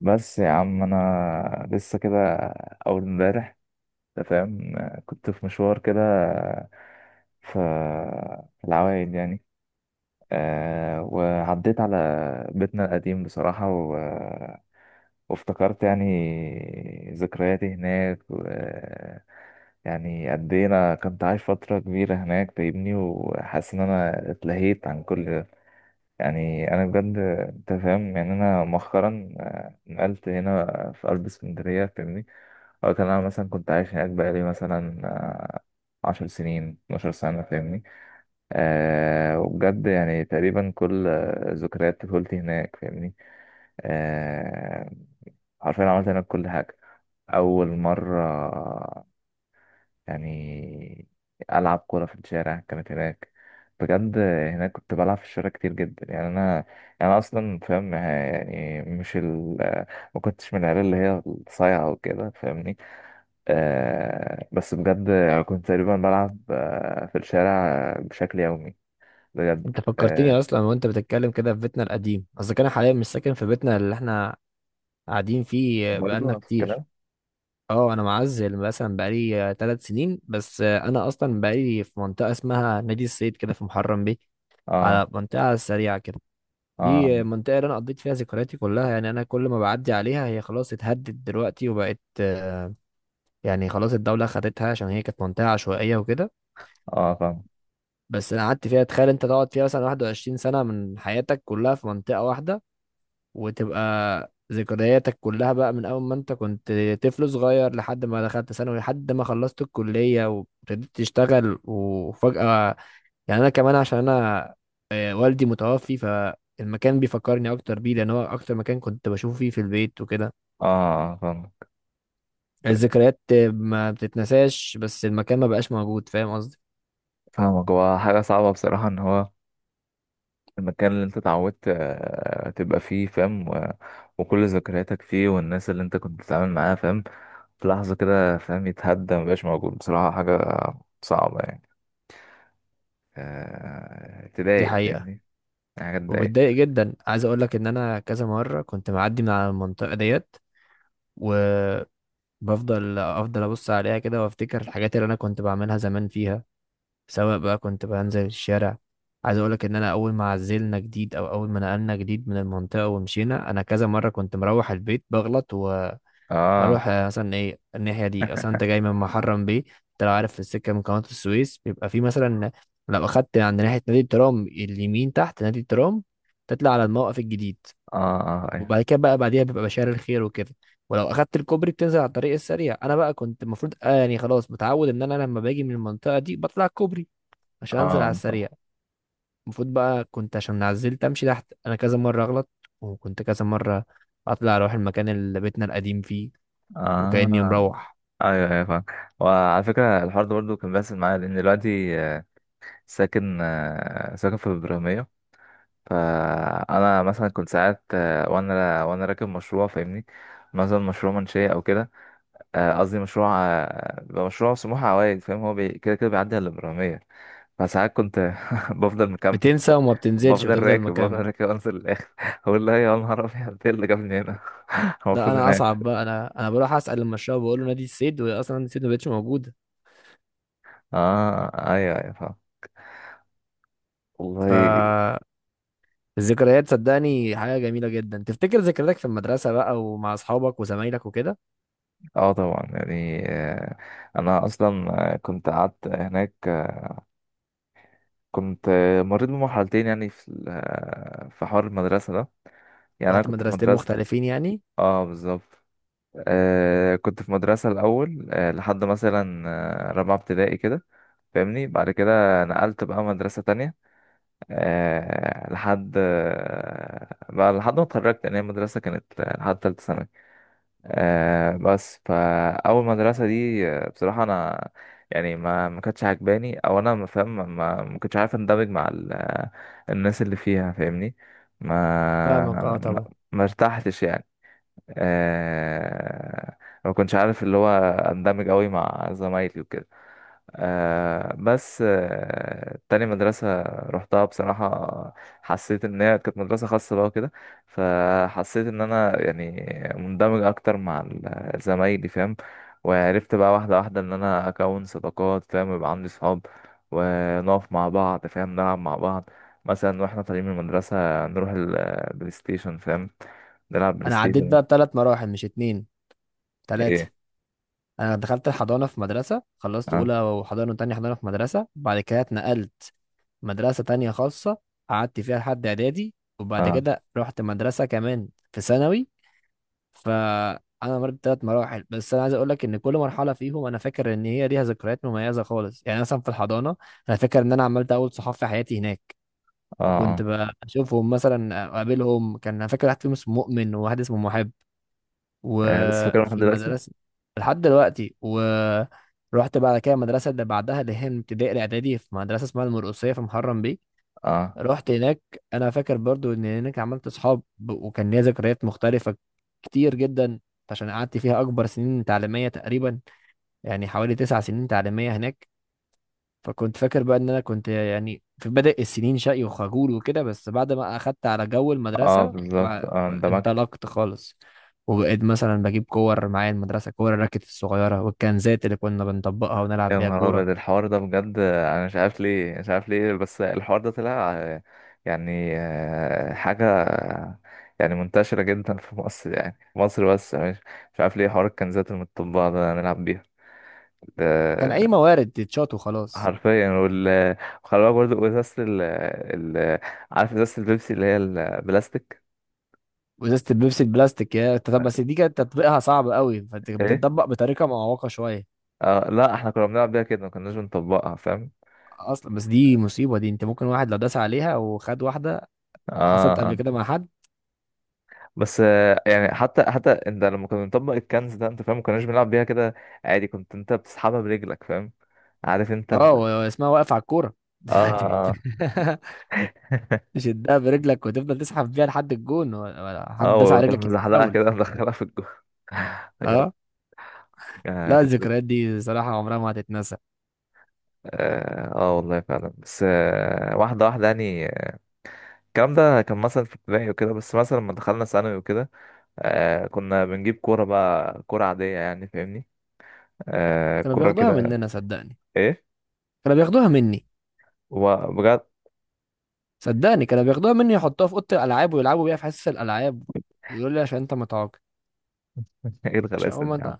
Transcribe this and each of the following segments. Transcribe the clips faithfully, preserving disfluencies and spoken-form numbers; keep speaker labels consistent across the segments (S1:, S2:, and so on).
S1: بس يا عم انا لسه كده، اول امبارح، انت فاهم، كنت في مشوار كده ف- في العوايد يعني. أه، وعديت على بيتنا القديم بصراحة و... وافتكرت يعني ذكرياتي هناك. و... يعني قد ايه انا كنت عايش فترة كبيرة هناك، فاهمني، وحاسس ان انا اتلهيت عن كل. يعني انا بجد، انت فاهم، يعني انا مؤخرا آه، نقلت هنا في قلب اسكندريه، فاهمني. او كان انا مثلا كنت عايش هناك بقالي مثلا آه، عشر سنين، 12 سنه، فاهمني. أه، وبجد يعني تقريبا كل آه، ذكريات طفولتي هناك، فاهمني. أه. حرفيا عملت هناك كل حاجه، اول مره يعني ألعب كورة في الشارع كانت هناك. بجد هناك كنت بلعب في الشارع كتير جدا، يعني أنا، يعني أنا أصلا فاهم، يعني مش ال ما كنتش من العيال اللي هي الصايعة وكده، فاهمني. آه، بس بجد يعني كنت تقريبا بلعب آه، في الشارع بشكل يومي، بجد.
S2: انت فكرتني
S1: آه.
S2: اصلا وانت بتتكلم كده في بيتنا القديم، اصل انا حاليا مش ساكن في بيتنا اللي احنا قاعدين فيه
S1: برضه
S2: بقالنا
S1: نفس
S2: كتير.
S1: الكلام.
S2: اه انا معزل مثلا بقالي ثلاث سنين بس. آه، انا اصلا بقالي في منطقه اسمها نادي الصيد كده في محرم بيه،
S1: اه،
S2: على منطقه سريعه كده.
S1: اه،
S2: دي منطقه اللي انا قضيت فيها ذكرياتي كلها، يعني انا كل ما بعدي عليها هي خلاص اتهدت دلوقتي وبقت آه، يعني خلاص الدوله خدتها عشان هي كانت منطقه عشوائيه وكده.
S1: اه، فاهم.
S2: بس انا قعدت فيها، تخيل انت تقعد فيها مثلا واحد وعشرين سنه من حياتك كلها في منطقه واحده، وتبقى ذكرياتك كلها بقى من أول ما أنت كنت طفل صغير لحد ما دخلت ثانوي لحد ما خلصت الكلية وابتديت تشتغل، وفجأة يعني أنا كمان عشان أنا آه، والدي متوفي، فالمكان بيفكرني أكتر بيه لأن هو أكتر مكان كنت بشوفه فيه في البيت وكده.
S1: اه، فاهم.
S2: الذكريات ما بتتنساش بس المكان ما بقاش موجود، فاهم قصدي؟
S1: فاهمك، هو حاجة صعبة بصراحة ان هو المكان اللي انت اتعودت آه، تبقى فيه، فاهم، و- وكل ذكرياتك فيه، والناس اللي انت كنت بتتعامل معاها، فاهم، في لحظة كده، فاهم، يتهدى مبقاش موجود، بصراحة حاجة صعبة يعني، آه،
S2: دي
S1: تضايق
S2: حقيقة،
S1: فاهمني، يعني حاجة تضايق.
S2: وبتضايق جدا. عايز أقول لك إن أنا كذا مرة كنت معدي من على المنطقة ديت و... بفضل افضل ابص عليها كده وافتكر الحاجات اللي انا كنت بعملها زمان فيها، سواء بقى كنت بنزل الشارع. عايز اقولك ان انا اول ما عزلنا جديد او اول ما نقلنا جديد من المنطقه ومشينا، انا كذا مره كنت مروح البيت بغلط واروح
S1: اه،
S2: آه، مثلا، ايه الناحيه دي، مثلا انت جاي من محرم بيه، انت لو عارف في السكه من قناه السويس بيبقى في مثلا لو اخدت عند ناحيه نادي الترام اليمين تحت نادي الترام تطلع على الموقف الجديد،
S1: اه، اه، ايوه.
S2: وبعد كده بقى بعديها بيبقى بشار الخير وكده، ولو اخدت الكوبري بتنزل على الطريق السريع. انا بقى كنت المفروض آه يعني خلاص متعود ان انا لما باجي من المنطقه دي بطلع الكوبري عشان انزل على
S1: اه،
S2: السريع.
S1: طبعا.
S2: المفروض بقى كنت عشان عزلت امشي تحت، انا كذا مره اغلط وكنت كذا مره اطلع اروح المكان اللي بيتنا القديم فيه، وكاني
S1: اه،
S2: مروح.
S1: ايوه، ايوه، فاهم. وعلى فكرة الحوار ده برضه كان بيحصل معايا، لأن دلوقتي آه، ساكن آه، ساكن في إبراهيمية. فانا مثلا كنت ساعات، آه، وانا وانا راكب مشروع، فاهمني، مثلا مشروع منشيه او كده. آه، قصدي مشروع آه، بيبقى مشروع سموحه عوائد، فاهم، هو بي- كده كده بيعدي على الابراهيميه. فساعات كنت بفضل مكمل. ب-
S2: بتنسى وما بتنزلش
S1: بفضل
S2: وتفضل
S1: راكب
S2: مكمل.
S1: بفضل راكب انزل للاخر اقول لا يا نهار ابيض ايه اللي جابني هنا هو
S2: لا
S1: المفروض
S2: انا
S1: هناك.
S2: اصعب بقى، انا انا بروح اسال المشروع بقول له نادي السيد، واصلا نادي السيد ما بقتش موجوده.
S1: اه، ايوه، ايوه، فاهم.
S2: ف
S1: والله.
S2: الذكريات صدقني حاجة جميلة جدا، تفتكر ذكرياتك في المدرسة بقى ومع أصحابك وزمايلك وكده.
S1: اه، طبعا يعني آه، انا اصلا آه، كنت قعدت هناك. كنت آه، مريت بمرحلتين، يعني في ال- آه، في حوار المدرسة ده. يعني أنا
S2: رحت
S1: كنت في
S2: مدرستين
S1: مدرسة.
S2: مختلفين يعني؟
S1: اه، بالظبط. آه، كنت في مدرسة الأول آه لحد مثلا آه، رابعة ابتدائي كده، فاهمني، بعد كده نقلت بقى مدرسة تانية. آه لحد آه بقى لحد ما اتخرجت. يعني هي المدرسة كانت آه، لحد تالتة ثانوي. آه، بس فاول مدرسه دي، آه، بصراحه انا يعني ما ما كانتش عجباني، او انا ما فاهم، ما ما ما كنتش عارف اندمج مع ال- آه، الناس اللي فيها، فاهمني.
S2: فاهمك،
S1: ما
S2: اه
S1: ما
S2: طبعا.
S1: ما ارتحتش يعني. آه، ما كنتش عارف اللي هو اندمج قوي مع زمايلي وكده. آه، بس آه تاني مدرسة رحتها بصراحة، حسيت إن هي كانت مدرسة خاصة بقى وكده. فحسيت إن أنا يعني مندمج أكتر مع ال- زمايلي، فاهم. وعرفت بقى واحدة واحدة إن أنا أكون صداقات، فاهم، ويبقى عندي صحاب، ونقف مع بعض، فاهم، نلعب مع بعض. مثلا واحنا طالعين من المدرسة نروح البلاي ستيشن، فاهم، نلعب بلاي
S2: أنا عديت
S1: ستيشن.
S2: بقى بثلاث مراحل مش اتنين، تلاتة.
S1: إيه؟
S2: أنا دخلت الحضانة في مدرسة، خلصت
S1: أه،
S2: أولى وحضانة وتانية حضانة في مدرسة، بعد كده اتنقلت مدرسة تانية خاصة، قعدت فيها لحد إعدادي، وبعد
S1: أه،
S2: كده رحت مدرسة كمان في ثانوي. فانا مريت بثلاث مراحل، بس انا عايز اقول لك ان كل مرحله فيهم انا فاكر ان هي ليها ذكريات مميزه خالص. يعني مثلا في الحضانه انا فاكر ان انا عملت اول صحاب في حياتي هناك،
S1: أه،
S2: وكنت
S1: آه.
S2: بشوفهم مثلا اقابلهم. كان انا فاكر واحد فيهم اسمه مؤمن وواحد اسمه محب.
S1: آه، لسه فاكرها لحد
S2: وفي
S1: دلوقتي؟
S2: المدرسه لحد دلوقتي. ورحت بعد كده المدرسه اللي بعدها، اللي هي من ابتدائي الاعدادي، في مدرسه اسمها المرقصيه في محرم بيه.
S1: اه،
S2: رحت هناك، انا فاكر برضو ان هناك عملت اصحاب ب- وكان ليا ذكريات مختلفه كتير جدا عشان قعدت فيها اكبر سنين تعليميه تقريبا، يعني حوالي تسع سنين تعليميه هناك. فكنت فاكر بقى ان انا كنت يعني في بدء السنين شقي وخجول وكده، بس بعد ما اخدت على جو
S1: اه،
S2: المدرسه
S1: بالظبط. اه، اندمجت.
S2: وانطلقت خالص وبقيت مثلا بجيب كور معايا المدرسه، كور الراكت الصغيره والكنزات اللي كنا بنطبقها ونلعب
S1: يا
S2: بيها
S1: نهار
S2: كوره.
S1: ابيض الحوار ده بجد، انا مش عارف ليه، مش عارف ليه، بس الحوار ده طلع آه، يعني آه، حاجة، آه، يعني منتشرة جدا في مصر، يعني في مصر، بس مش مش عارف ليه حوار الكنزات المطبعة ده نلعب بيها
S2: كان اي
S1: ده.
S2: موارد تتشاط وخلاص.
S1: حرفيا. وال وخلي بالك برضه ازازة ال ال عارف ازازة البيبسي اللي هي البلاستيك.
S2: وازازه البيبسي البلاستيك يا انت. طب بس دي كانت تطبيقها صعب قوي، فانت
S1: ايه؟
S2: بتطبق بطريقه معوقه شويه.
S1: اه، لا احنا كنا بنلعب بيها كده، ما كناش بنطبقها، فاهم.
S2: اصلا بس دي مصيبه، دي انت ممكن واحد لو داس عليها وخد واحده. حصلت قبل
S1: اه،
S2: كده مع حد.
S1: بس آه، يعني حتى حتى انت لما كنا بنطبق الكنز ده، انت فاهم، ما كناش بنلعب بيها كده عادي، كنت انت بتسحبها برجلك، فاهم، عارف انت
S2: اه و-
S1: ال...
S2: واسمها واقف على الكوره.
S1: اه، اه
S2: تشدها برجلك وتفضل تسحب بيها لحد الجون، و- ولا حد داس
S1: اه،
S2: على
S1: وتروح
S2: رجلك
S1: مزحلقها
S2: يتفاول.
S1: كده مدخلها في الجو بجد.
S2: اه
S1: آه،
S2: لا
S1: كانت ذك-
S2: الذكريات دي صراحه عمرها ما هتتنسى.
S1: اه آه، والله فعلا. بس آه واحدة واحدة يعني، الكلام ده كان مثلا في ابتدائي وكده، بس مثلا لما دخلنا ثانوي وكده، آه، كنا بنجيب كورة بقى، كورة عادية يعني، فاهمني. آه،
S2: كانوا
S1: كورة
S2: بياخدوها
S1: كده.
S2: مننا صدقني،
S1: ايه؟
S2: كانوا بياخدوها مني.
S1: وبجد
S2: صدقني كانوا بياخدوها مني، يحطوها في اوضه الالعاب ويلعبوا بيها في حصص الالعاب. يقول لي عشان انت متعاقد.
S1: ايه
S2: عشان هو
S1: الغلاسة دي؟
S2: ما.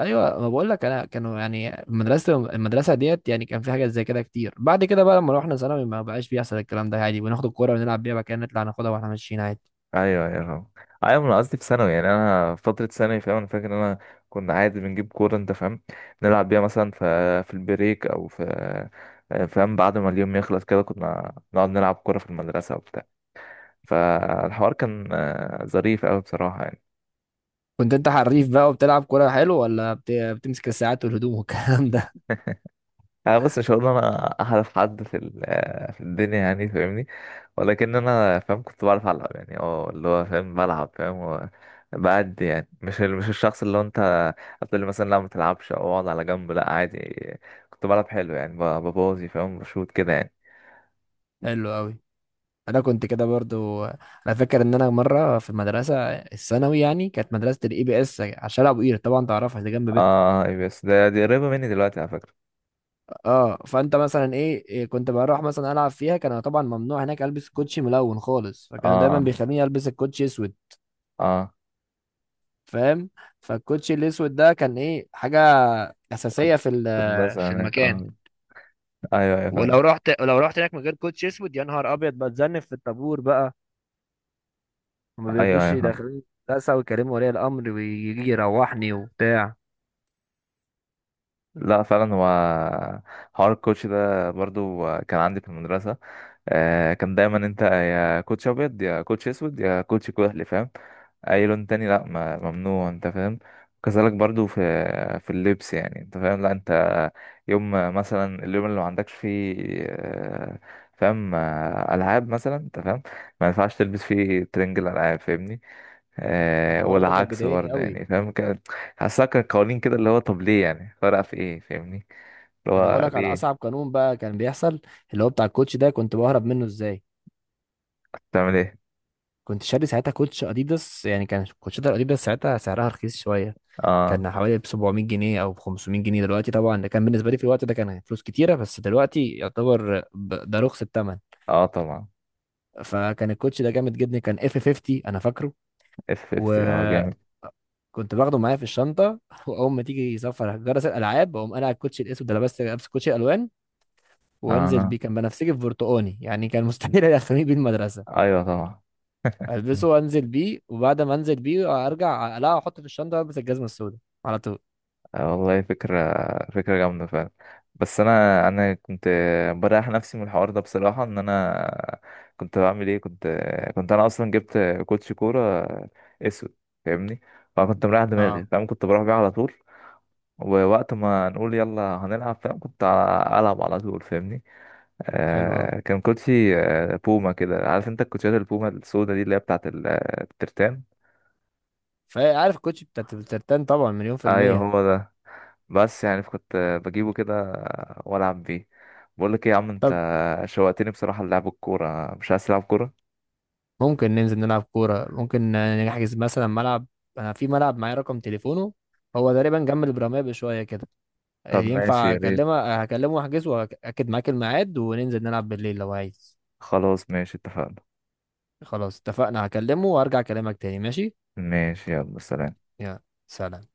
S2: ايوه، ما بقول لك انا كانوا يعني، المدرسه المدرسه ديت يعني كان في حاجات زي كده كتير. بعد كده بقى لما روحنا ثانوي ما بقاش بيحصل الكلام ده، عادي بناخد الكوره ونلعب بيها مكان، نطلع ناخدها واحنا ماشيين عادي.
S1: ايوه، ايوه، فاهم. ايوه، انا قصدي في ثانوي، يعني انا فتره ثانوي، فاهم، انا فاكر ان انا كنا عادي بنجيب كوره، انت فاهم، نلعب بيها مثلا في في البريك او في، فاهم، بعد ما اليوم يخلص كده كنا نقعد نلعب كوره في المدرسه وبتاع. فالحوار كان آه، ظريف قوي بصراحه يعني.
S2: كنت انت حريف بقى وبتلعب كوره حلو، ولا بت... بتمسك الساعات والهدوم والكلام ده؟
S1: انا بص، مش هقول انا احرف حد في ال- في الدنيا، يعني فاهمني، ولكن انا فاهم كنت بعرف العب يعني، اه، اللي هو فاهم بلعب فاهم و- بعد، يعني مش ال- مش الشخص اللي هو انت هتقول لي مثلا لا ما تلعبش او اقعد على جنب، لا عادي كنت بلعب حلو يعني، ب- ببوظي فاهم، بشوط كده يعني.
S2: حلو قوي. انا كنت كده برضو. انا فاكر ان انا مره في المدرسه الثانوي، يعني كانت مدرسه الاي بي اس على شارع ابو قير، طبعا تعرفها دي جنب بيتكم.
S1: اه، أي. بس ده دي قريبة مني دلوقتي على فكرة.
S2: اه فانت مثلا ايه إيه، كنت بروح مثلا العب فيها. كان طبعا ممنوع هناك البس كوتشي ملون خالص، فكانوا دايما
S1: اه،
S2: بيخليني البس الكوتشي اسود،
S1: اه.
S2: فاهم؟ فالكوتشي الاسود ده كان ايه، حاجه اساسيه
S1: كنت
S2: في
S1: كنت بس
S2: ال- في
S1: هناك
S2: المكان.
S1: اه. ايوه، ايوه، فاهم.
S2: ولو رحت لو رحت هناك من غير كوتشي اسود يا نهار ابيض، بتذنب في الطابور بقى وما
S1: ايوه،
S2: بيردوش
S1: ايوه، فاهم.
S2: يدخلوني المدرسه، ويكلموا ولي الامر ويجي يروحني وبتاع.
S1: لا، فعلا هو حوار الكوتش ده برضو كان عندي في المدرسة. آه، كان دايما انت يا كوتش ابيض، يا كوتش اسود، يا كوتش كحلي، فاهم، اي لون تاني لا، ما- ممنوع، انت فاهم. كذلك برضو في في اللبس، يعني انت فاهم، لا انت يوم مثلا اليوم اللي ما عندكش فيه آه، فاهم آه، العاب مثلا انت فاهم، ما ينفعش تلبس فيه ترنج الالعاب فاهمني. آه،
S2: الحوار ده كان
S1: والعكس
S2: بيضايقني
S1: برضه
S2: قوي.
S1: يعني، فاهم كده. حاسسها كان قوانين كده اللي هو طب ليه، يعني فرق في ايه؟ فاهمني اللي
S2: ده انا هقول
S1: هو
S2: لك على
S1: ليه؟
S2: اصعب قانون بقى كان بيحصل، اللي هو بتاع الكوتش ده، كنت بهرب منه ازاي.
S1: بتعمل ايه؟
S2: كنت شاري ساعتها كوتش اديداس، يعني كان كوتشات الاديداس ساعتها سعرها رخيص شويه،
S1: اه،
S2: كان حوالي ب سبعمائة جنيه او ب خمسمية جنيه. دلوقتي طبعا ده كان بالنسبه لي في الوقت ده كان فلوس كتيره، بس دلوقتي يعتبر ب- ده رخص الثمن.
S1: اه، طبعا.
S2: فكان الكوتش ده جامد جدا، كان اف خمسين انا فاكره.
S1: اف 50 اه،
S2: وكنت
S1: جامد.
S2: باخده معايا في الشنطه واول ما تيجي سفر جرس الالعاب اقوم انا على الكوتش الاسود ده لابس لابس كوتش الوان وانزل
S1: اه،
S2: بيه، كان بنفسجي في برتقاني، يعني كان مستحيل يدخلني بيه المدرسه.
S1: ايوه، طبعا.
S2: البسه وانزل بيه، وبعد ما انزل بيه ارجع اقلعه واحطه في الشنطه والبس الجزمه السوداء على طول.
S1: آه، والله فكرة، فكرة جامدة فعلا. بس انا انا كنت بريح نفسي من الحوار ده بصراحة، ان انا كنت بعمل ايه، كنت كنت انا اصلا جبت كوتش كورة اسود، فاهمني، فكنت مريح دماغي،
S2: اه
S1: فاهم، كنت بروح بيه على طول. ووقت ما نقول يلا هنلعب، فاهم، كنت ع- ألعب على طول، فاهمني.
S2: حلو قوي.
S1: آه، كان كوتشي آه بوما كده، عارف انت الكوتشيات البوما السودا دي اللي هي بتاعت ال- آه، الترتان.
S2: فعارف الكوتش بتاعت الترتان طبعا مليون في
S1: ايوه
S2: الميه
S1: هو ده. بس يعني كنت آه، بجيبه كده والعب بيه. بقول لك ايه يا عم انت،
S2: طب
S1: شوقتني بصراحة للعب الكورة، مش عايز تلعب كورة؟
S2: ممكن ننزل نلعب كوره؟ ممكن نحجز مثلا ملعب، انا في ملعب معايا رقم تليفونه، هو تقريبا جنب البراميه بشويه كده.
S1: طب ماشي،
S2: ينفع
S1: يا ريت.
S2: اكلمه؟ هكلمه واحجز واكد معاك الميعاد وننزل نلعب بالليل لو عايز.
S1: خلاص ماشي، اتفقنا.
S2: خلاص اتفقنا، هكلمه وارجع اكلمك تاني. ماشي،
S1: ماشي، يلا سلام.
S2: يا سلام.